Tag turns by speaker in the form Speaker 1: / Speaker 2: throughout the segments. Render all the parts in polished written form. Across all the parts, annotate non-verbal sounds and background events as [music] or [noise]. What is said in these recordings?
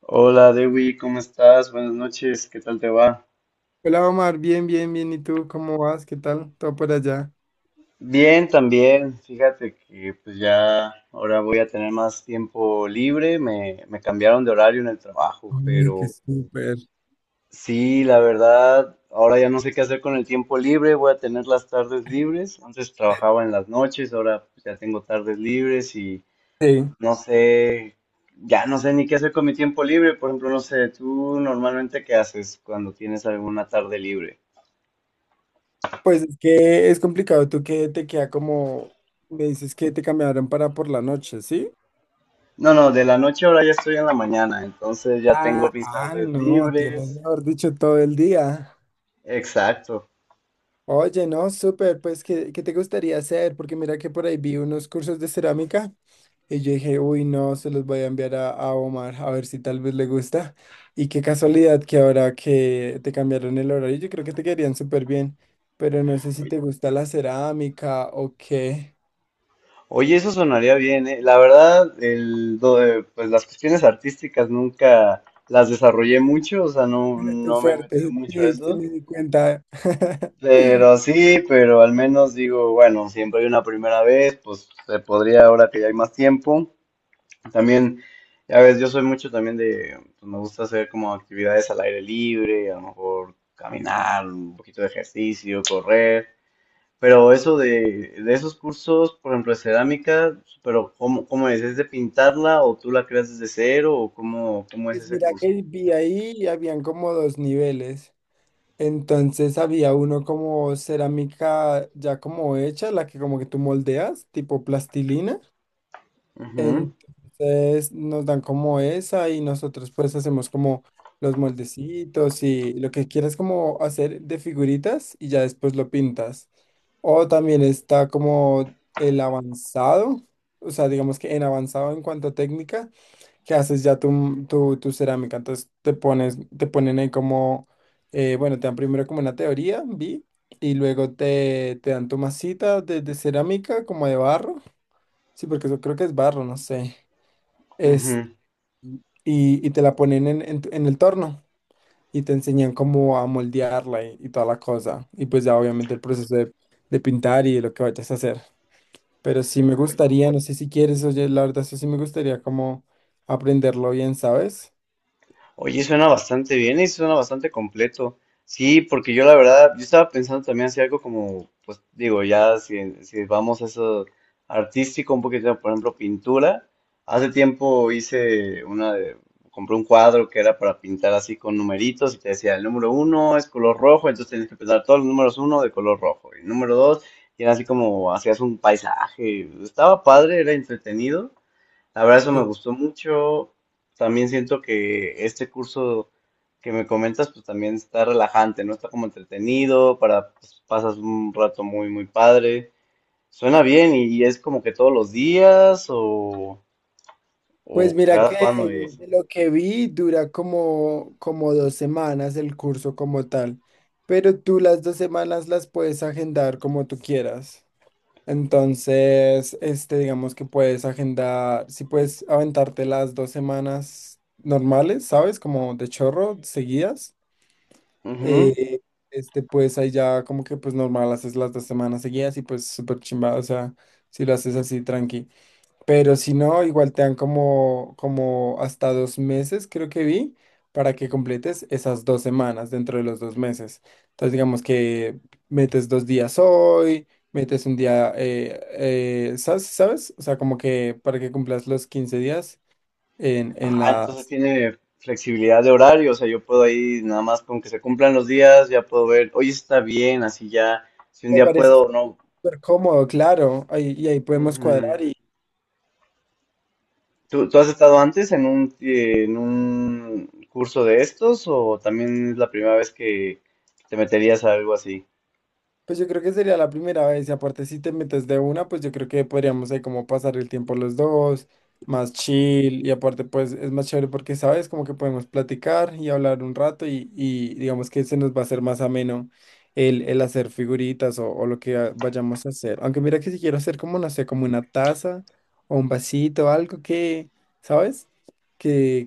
Speaker 1: Hola Dewi, ¿cómo estás? Buenas noches, ¿qué tal te va?
Speaker 2: Hola Omar, bien, bien, bien. ¿Y tú cómo vas? ¿Qué tal? ¿Todo por allá?
Speaker 1: Bien, también. Fíjate que pues ya ahora voy a tener más tiempo libre. Me cambiaron de horario en el trabajo,
Speaker 2: Ay, qué
Speaker 1: pero
Speaker 2: súper.
Speaker 1: sí, la verdad, ahora ya no sé qué hacer con el tiempo libre. Voy a tener las tardes libres. Antes trabajaba en las noches, ahora pues, ya tengo tardes libres y
Speaker 2: Sí.
Speaker 1: no sé, ya no sé ni qué hacer con mi tiempo libre. Por ejemplo, no sé, ¿tú normalmente qué haces cuando tienes alguna tarde libre?
Speaker 2: Pues es que es complicado. Tú que te queda como, me dices que te cambiaron para por la noche, ¿sí?
Speaker 1: No, no, de la noche ahora ya estoy en la mañana, entonces ya tengo
Speaker 2: Ah,
Speaker 1: mis
Speaker 2: ah,
Speaker 1: tardes
Speaker 2: no, tienes,
Speaker 1: libres.
Speaker 2: mejor dicho, todo el día.
Speaker 1: Exacto.
Speaker 2: Oye, no, súper, pues, ¿qué te gustaría hacer? Porque mira que por ahí vi unos cursos de cerámica y yo dije, uy, no, se los voy a enviar a Omar a ver si tal vez le gusta. Y qué casualidad que ahora que te cambiaron el horario, yo creo que te quedarían súper bien, pero no sé si te
Speaker 1: Oye,
Speaker 2: gusta la cerámica o qué.
Speaker 1: oye, eso sonaría bien, ¿eh? La verdad, pues las cuestiones artísticas nunca las desarrollé mucho, o sea, no,
Speaker 2: Bueno, tu
Speaker 1: no me he metido
Speaker 2: suerte,
Speaker 1: mucho a
Speaker 2: sí, sí
Speaker 1: eso.
Speaker 2: me di cuenta. [laughs]
Speaker 1: Pero sí, pero al menos digo, bueno, siempre hay una primera vez, pues se podría ahora que ya hay más tiempo. También, ya ves, yo soy mucho también de, pues, me gusta hacer como actividades al aire libre, a lo mejor caminar, un poquito de ejercicio, correr, pero eso de esos cursos, por ejemplo, de cerámica, pero ¿cómo, cómo es? ¿Es de pintarla o tú la creas desde cero o cómo, cómo es
Speaker 2: Pues
Speaker 1: ese
Speaker 2: mira
Speaker 1: curso?
Speaker 2: que vi ahí y habían como dos niveles. Entonces había uno como cerámica ya como hecha, la que como que tú moldeas, tipo plastilina.
Speaker 1: Ujú,
Speaker 2: Entonces nos dan como esa y nosotros pues hacemos como los moldecitos y lo que quieras como hacer de figuritas y ya después lo pintas. O también está como el avanzado, o sea, digamos que en avanzado en cuanto a técnica que haces ya tu cerámica. Entonces te pones, te ponen ahí como, bueno, te dan primero como una teoría, vi, y luego te, te dan tu masita de cerámica, como de barro. Sí, porque yo creo que es barro, no sé. Es,
Speaker 1: ujú.
Speaker 2: y, y te la ponen en, tu- en el torno y te enseñan cómo a moldearla y toda la cosa. Y pues ya obviamente el proceso de pintar y de lo que vayas a hacer. Pero sí me gustaría, no sé si quieres, oye, la verdad, eso sí me gustaría como aprenderlo bien, ¿sabes?
Speaker 1: Oye, suena bastante bien y suena bastante completo. Sí, porque yo la verdad, yo estaba pensando también hacer algo como, pues digo, ya si, si vamos a eso artístico, un poquito, por ejemplo, pintura. Hace tiempo hice una de, compré un cuadro que era para pintar así con numeritos y te decía, el número uno es color rojo, entonces tenías que pensar todos los números uno de color rojo. Y el número dos, y era así como hacías un paisaje. Estaba padre, era entretenido. La verdad, eso me
Speaker 2: Sí.
Speaker 1: gustó mucho. También siento que este curso que me comentas, pues también está relajante, ¿no? Está como entretenido, para, pues, pasas un rato muy, muy padre. Suena bien y es como que todos los días
Speaker 2: Pues
Speaker 1: o
Speaker 2: mira que
Speaker 1: cada cuándo es.
Speaker 2: de lo que vi dura como, como dos semanas el curso como tal, pero tú las dos semanas las puedes agendar como tú quieras. Entonces, este, digamos que puedes agendar, si puedes aventarte las dos semanas normales, ¿sabes? Como de chorro, seguidas.
Speaker 1: Ujú.
Speaker 2: eh, este, pues ahí ya como que pues normal haces las dos semanas seguidas y pues súper chimba, o sea, si lo haces así tranqui. Pero si no, igual te dan como, como hasta dos meses, creo que vi, para que completes esas dos semanas dentro de los dos meses. Entonces, digamos que metes dos días hoy, metes un día, ¿sabes? ¿Sabes? O sea, como que para que cumplas los 15 días en
Speaker 1: Ah,
Speaker 2: la...
Speaker 1: entonces tiene flexibilidad de horario, o sea, yo puedo ahí nada más con que se cumplan los días, ya puedo ver, hoy está bien, así ya, si un
Speaker 2: Me
Speaker 1: día
Speaker 2: parece
Speaker 1: puedo o no.
Speaker 2: súper cómodo, claro. Ahí, y ahí podemos cuadrar.
Speaker 1: Ujú. ¿Tú has estado antes en un curso de estos o también es la primera vez que te meterías a algo así?
Speaker 2: Pues yo creo que sería la primera vez y aparte si te metes de una, pues yo creo que podríamos ahí como pasar el tiempo los dos, más chill y aparte pues es más chévere porque sabes como que podemos platicar y hablar un rato y digamos que se nos va a hacer más ameno el hacer figuritas o lo que a- vayamos a hacer. Aunque mira que si quiero hacer como, no sé, como una taza o un vasito, algo que, ¿sabes? Que,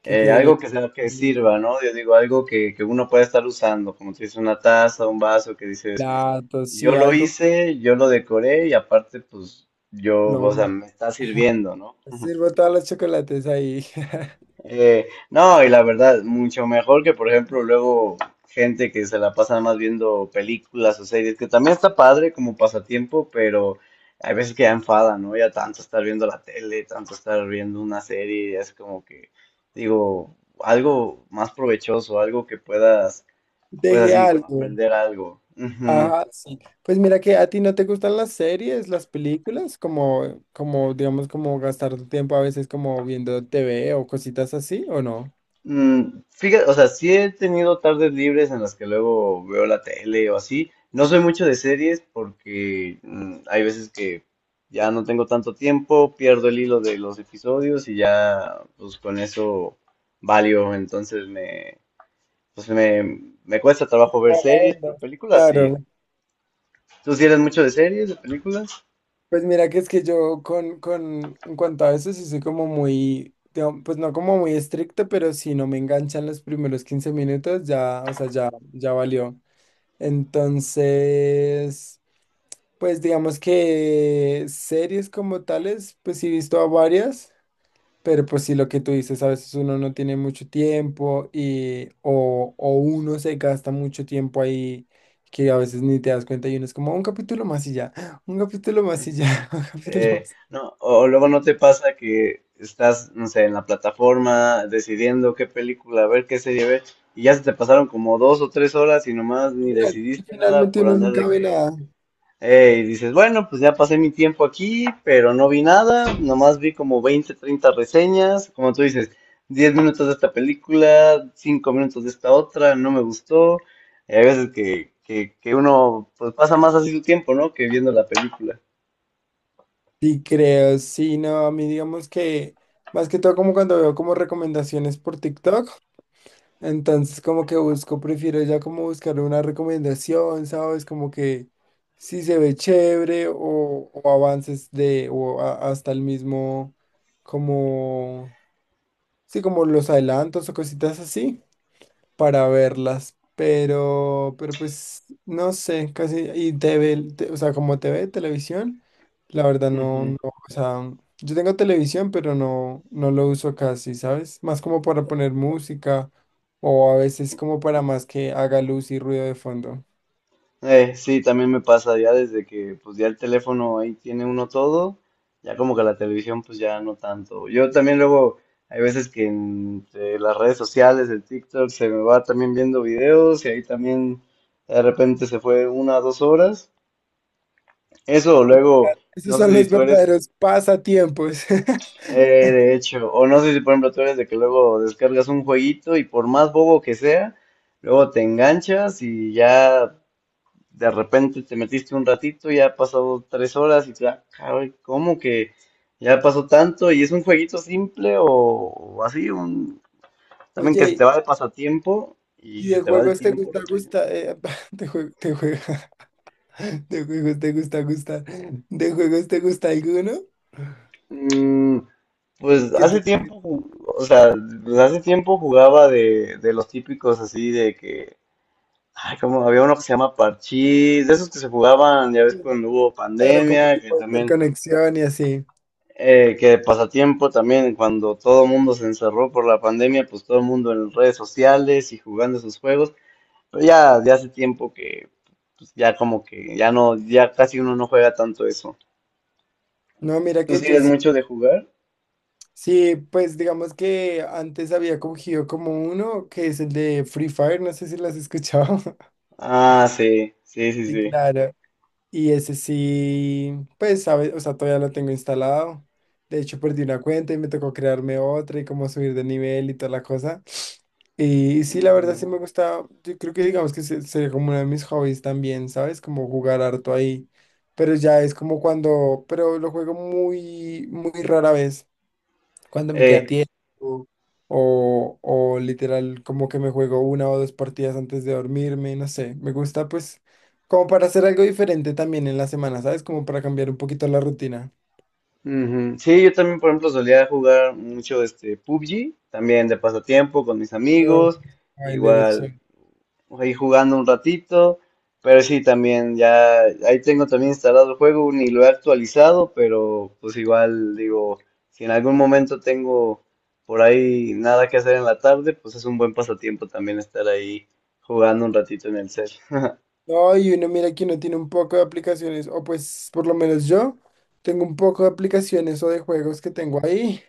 Speaker 2: que quede bien
Speaker 1: Algo que sea que
Speaker 2: lindo.
Speaker 1: sirva, ¿no? Yo digo, algo que uno pueda estar usando, como si es una taza, un vaso, que dices,
Speaker 2: Platos,
Speaker 1: yo
Speaker 2: sí,
Speaker 1: lo
Speaker 2: algo.
Speaker 1: hice, yo lo decoré y aparte, pues, yo, o sea,
Speaker 2: Lo
Speaker 1: me está sirviendo, ¿no?
Speaker 2: sirvo todos los chocolates ahí. [laughs]
Speaker 1: No, y la verdad, mucho mejor que, por ejemplo, luego gente que se la pasa nada más viendo películas o series, que también está padre como pasatiempo, pero hay veces que ya enfada, ¿no? Ya tanto estar viendo la tele, tanto estar viendo una serie, ya es como que, digo, algo más provechoso, algo que puedas, pues
Speaker 2: Deje
Speaker 1: así,
Speaker 2: algo.
Speaker 1: aprender algo. Ujú.
Speaker 2: Ajá, sí. Pues mira que a ti no te gustan las series, las películas, como, como, digamos, como gastar tu tiempo a veces como viendo TV o cositas así, ¿o no?
Speaker 1: Mm, fíjate, o sea, sí he tenido tardes libres en las que luego veo la tele o así. No soy mucho de series porque hay veces que ya no tengo tanto tiempo, pierdo el hilo de los episodios y ya pues con eso valio. Pues me cuesta trabajo ver
Speaker 2: No, la
Speaker 1: series, pero
Speaker 2: verdad.
Speaker 1: películas sí.
Speaker 2: Claro.
Speaker 1: ¿Tú sí eres mucho de series, de películas?
Speaker 2: Pues mira que es que yo con, en cuanto a eso sí soy como muy, digamos, pues no como muy estricto, pero si no me enganchan los primeros 15 minutos, ya, o sea, ya, ya valió. Entonces... Pues digamos que series como tales, pues sí he visto a varias, pero pues sí lo que tú dices, a veces uno no tiene mucho tiempo y o uno se gasta mucho tiempo ahí que a veces ni te das cuenta y uno es como un capítulo más y ya, [laughs] un capítulo más y ya, [laughs] un capítulo más.
Speaker 1: No, o luego no te pasa que estás, no sé, en la plataforma decidiendo qué película ver, qué serie ver, y ya se te pasaron como dos o tres horas y nomás ni
Speaker 2: Final-
Speaker 1: decidiste nada
Speaker 2: Finalmente
Speaker 1: por
Speaker 2: uno
Speaker 1: andar
Speaker 2: nunca
Speaker 1: de
Speaker 2: ve
Speaker 1: que,
Speaker 2: nada.
Speaker 1: y dices, bueno, pues ya pasé mi tiempo aquí, pero no vi nada, nomás vi como 20 30 reseñas, como tú dices, 10 minutos de esta película, 5 minutos de esta otra, no me gustó, y hay veces que uno pues pasa más así su tiempo, ¿no? Que viendo la película.
Speaker 2: Sí, creo, sí, no, a mí digamos que más que todo como cuando veo como recomendaciones por TikTok. Entonces, como que busco, prefiero ya como buscar una recomendación, ¿sabes? Como que si se ve chévere o avances de, o a- hasta el mismo, como, sí, como los adelantos o cositas así para verlas, pero, pues no sé, casi, y TV, te- o sea, como TV, televisión, la verdad no, no,
Speaker 1: [laughs]
Speaker 2: o sea, yo tengo televisión, pero no, no lo uso casi, ¿sabes? Más como para poner música o a veces como para más que haga luz y ruido de fondo.
Speaker 1: Sí, también me pasa ya desde que pues ya el teléfono ahí tiene uno todo, ya como que la televisión pues ya no tanto. Yo también luego hay veces que en las redes sociales, el TikTok, se me va también viendo videos y ahí también de repente se fue una o dos horas. Eso luego,
Speaker 2: Esos
Speaker 1: no sé
Speaker 2: son
Speaker 1: si
Speaker 2: los
Speaker 1: tú eres,
Speaker 2: verdaderos pasatiempos.
Speaker 1: eh,
Speaker 2: [laughs]
Speaker 1: de hecho, o no sé si por ejemplo tú eres de que luego descargas un jueguito y por más bobo que sea, luego te enganchas y ya de repente te metiste un ratito, ya ha pasado tres horas y te da, caray, ¿cómo que ya pasó tanto? ¿Y es un jueguito simple o así? Un, también que se
Speaker 2: Oye,
Speaker 1: te va de pasatiempo
Speaker 2: ¿y
Speaker 1: y se
Speaker 2: de
Speaker 1: te va el
Speaker 2: juegos te
Speaker 1: tiempo
Speaker 2: gusta,
Speaker 1: rapidísimo.
Speaker 2: gusta? [laughs] De jue- te juega, [laughs] de juegos te gusta, gusta. ¿De juegos te gusta alguno?
Speaker 1: Mm, pues
Speaker 2: Que
Speaker 1: hace tiempo, ju- o sea, pues hace tiempo jugaba de los típicos así de que, ay, como había uno que se llama Parchís, de esos que se jugaban, ya ves, cuando hubo
Speaker 2: claro, como
Speaker 1: pandemia,
Speaker 2: si
Speaker 1: que
Speaker 2: puede hacer
Speaker 1: también
Speaker 2: conexión y así.
Speaker 1: eh, que pasatiempo también, cuando todo el mundo se encerró por la pandemia, pues todo el mundo en redes sociales y jugando sus juegos, pero ya, ya hace tiempo que pues, ya como que ya no, ya casi uno no juega tanto eso.
Speaker 2: No, mira
Speaker 1: ¿Tú
Speaker 2: que
Speaker 1: sí
Speaker 2: yo
Speaker 1: eres
Speaker 2: sí,
Speaker 1: mucho de jugar?
Speaker 2: sí, pues digamos que antes había cogido como uno que es el de Free Fire, no sé si lo has escuchado. [laughs]
Speaker 1: Ah, sí, sí, sí,
Speaker 2: Sí,
Speaker 1: sí.
Speaker 2: claro. Y ese sí, pues, sabe, o sea, todavía lo tengo instalado. De hecho, perdí una cuenta y me tocó crearme otra y como subir de nivel y toda la cosa. Y, sí, la verdad sí
Speaker 1: Ujú.
Speaker 2: me gusta, yo creo que digamos que se- sería como uno de mis hobbies también, ¿sabes? Como jugar harto ahí. Pero ya es como cuando, pero lo juego muy rara vez cuándo me queda
Speaker 1: Eh,
Speaker 2: tiempo, o literal como que me juego una o dos partidas antes de dormirme, no sé, me gusta pues como para hacer algo diferente también en la semana, ¿sabes? Como para cambiar un poquito la rutina.
Speaker 1: ujú. Sí, yo también, por ejemplo, solía jugar mucho este PUBG, también de pasatiempo con mis
Speaker 2: Pero,
Speaker 1: amigos,
Speaker 2: ay, Lena,
Speaker 1: igual.
Speaker 2: chévere.
Speaker 1: Pues, ahí jugando un ratito, pero sí, también ya ahí tengo también instalado el juego, ni lo he actualizado, pero pues igual digo, si en algún momento tengo por ahí nada que hacer en la tarde, pues es un buen pasatiempo también estar ahí jugando un ratito en el cel. [laughs]
Speaker 2: No, y uno mira que uno tiene un poco de aplicaciones, o pues por lo menos yo tengo un poco de aplicaciones o de juegos que tengo ahí.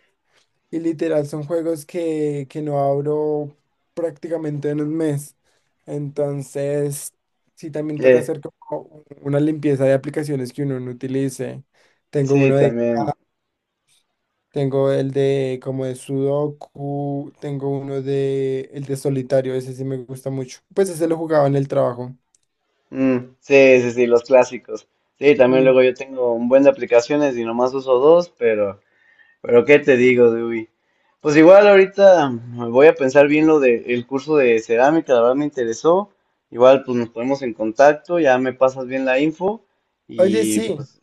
Speaker 2: Y literal, son juegos que no abro prácticamente en un mes. Entonces, sí, también toca
Speaker 1: Eh,
Speaker 2: hacer como una limpieza de aplicaciones que uno no utilice. Tengo
Speaker 1: sí,
Speaker 2: uno de,
Speaker 1: también.
Speaker 2: tengo el de como de Sudoku, tengo uno de el de solitario, ese sí me gusta mucho. Pues ese lo jugaba en el trabajo.
Speaker 1: Mm, sí, sí, sí, los clásicos. Sí, también
Speaker 2: Mm.
Speaker 1: luego yo tengo un buen de aplicaciones y nomás uso dos, pero qué te digo, Dewey. Pues igual ahorita voy a pensar bien lo del curso de cerámica, la verdad me interesó. Igual pues nos ponemos en contacto, ya me pasas bien la info
Speaker 2: Oye,
Speaker 1: y
Speaker 2: sí.
Speaker 1: pues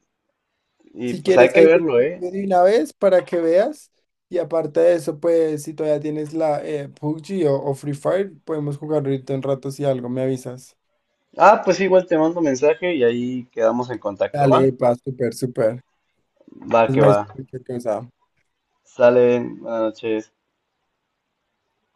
Speaker 1: y
Speaker 2: Si
Speaker 1: pues hay
Speaker 2: quieres,
Speaker 1: que
Speaker 2: ahí te
Speaker 1: verlo, ¿eh?
Speaker 2: envío de una vez para que veas. Y aparte de eso, pues si todavía tienes la PUBG o Free Fire, podemos jugar ahorita un rato si algo me avisas.
Speaker 1: Ah, pues igual te mando mensaje y ahí quedamos en contacto, ¿va?
Speaker 2: Dale, pa, súper, súper.
Speaker 1: Va
Speaker 2: Entonces
Speaker 1: que
Speaker 2: me
Speaker 1: va.
Speaker 2: avisas cualquier cosa.
Speaker 1: Salen, buenas noches.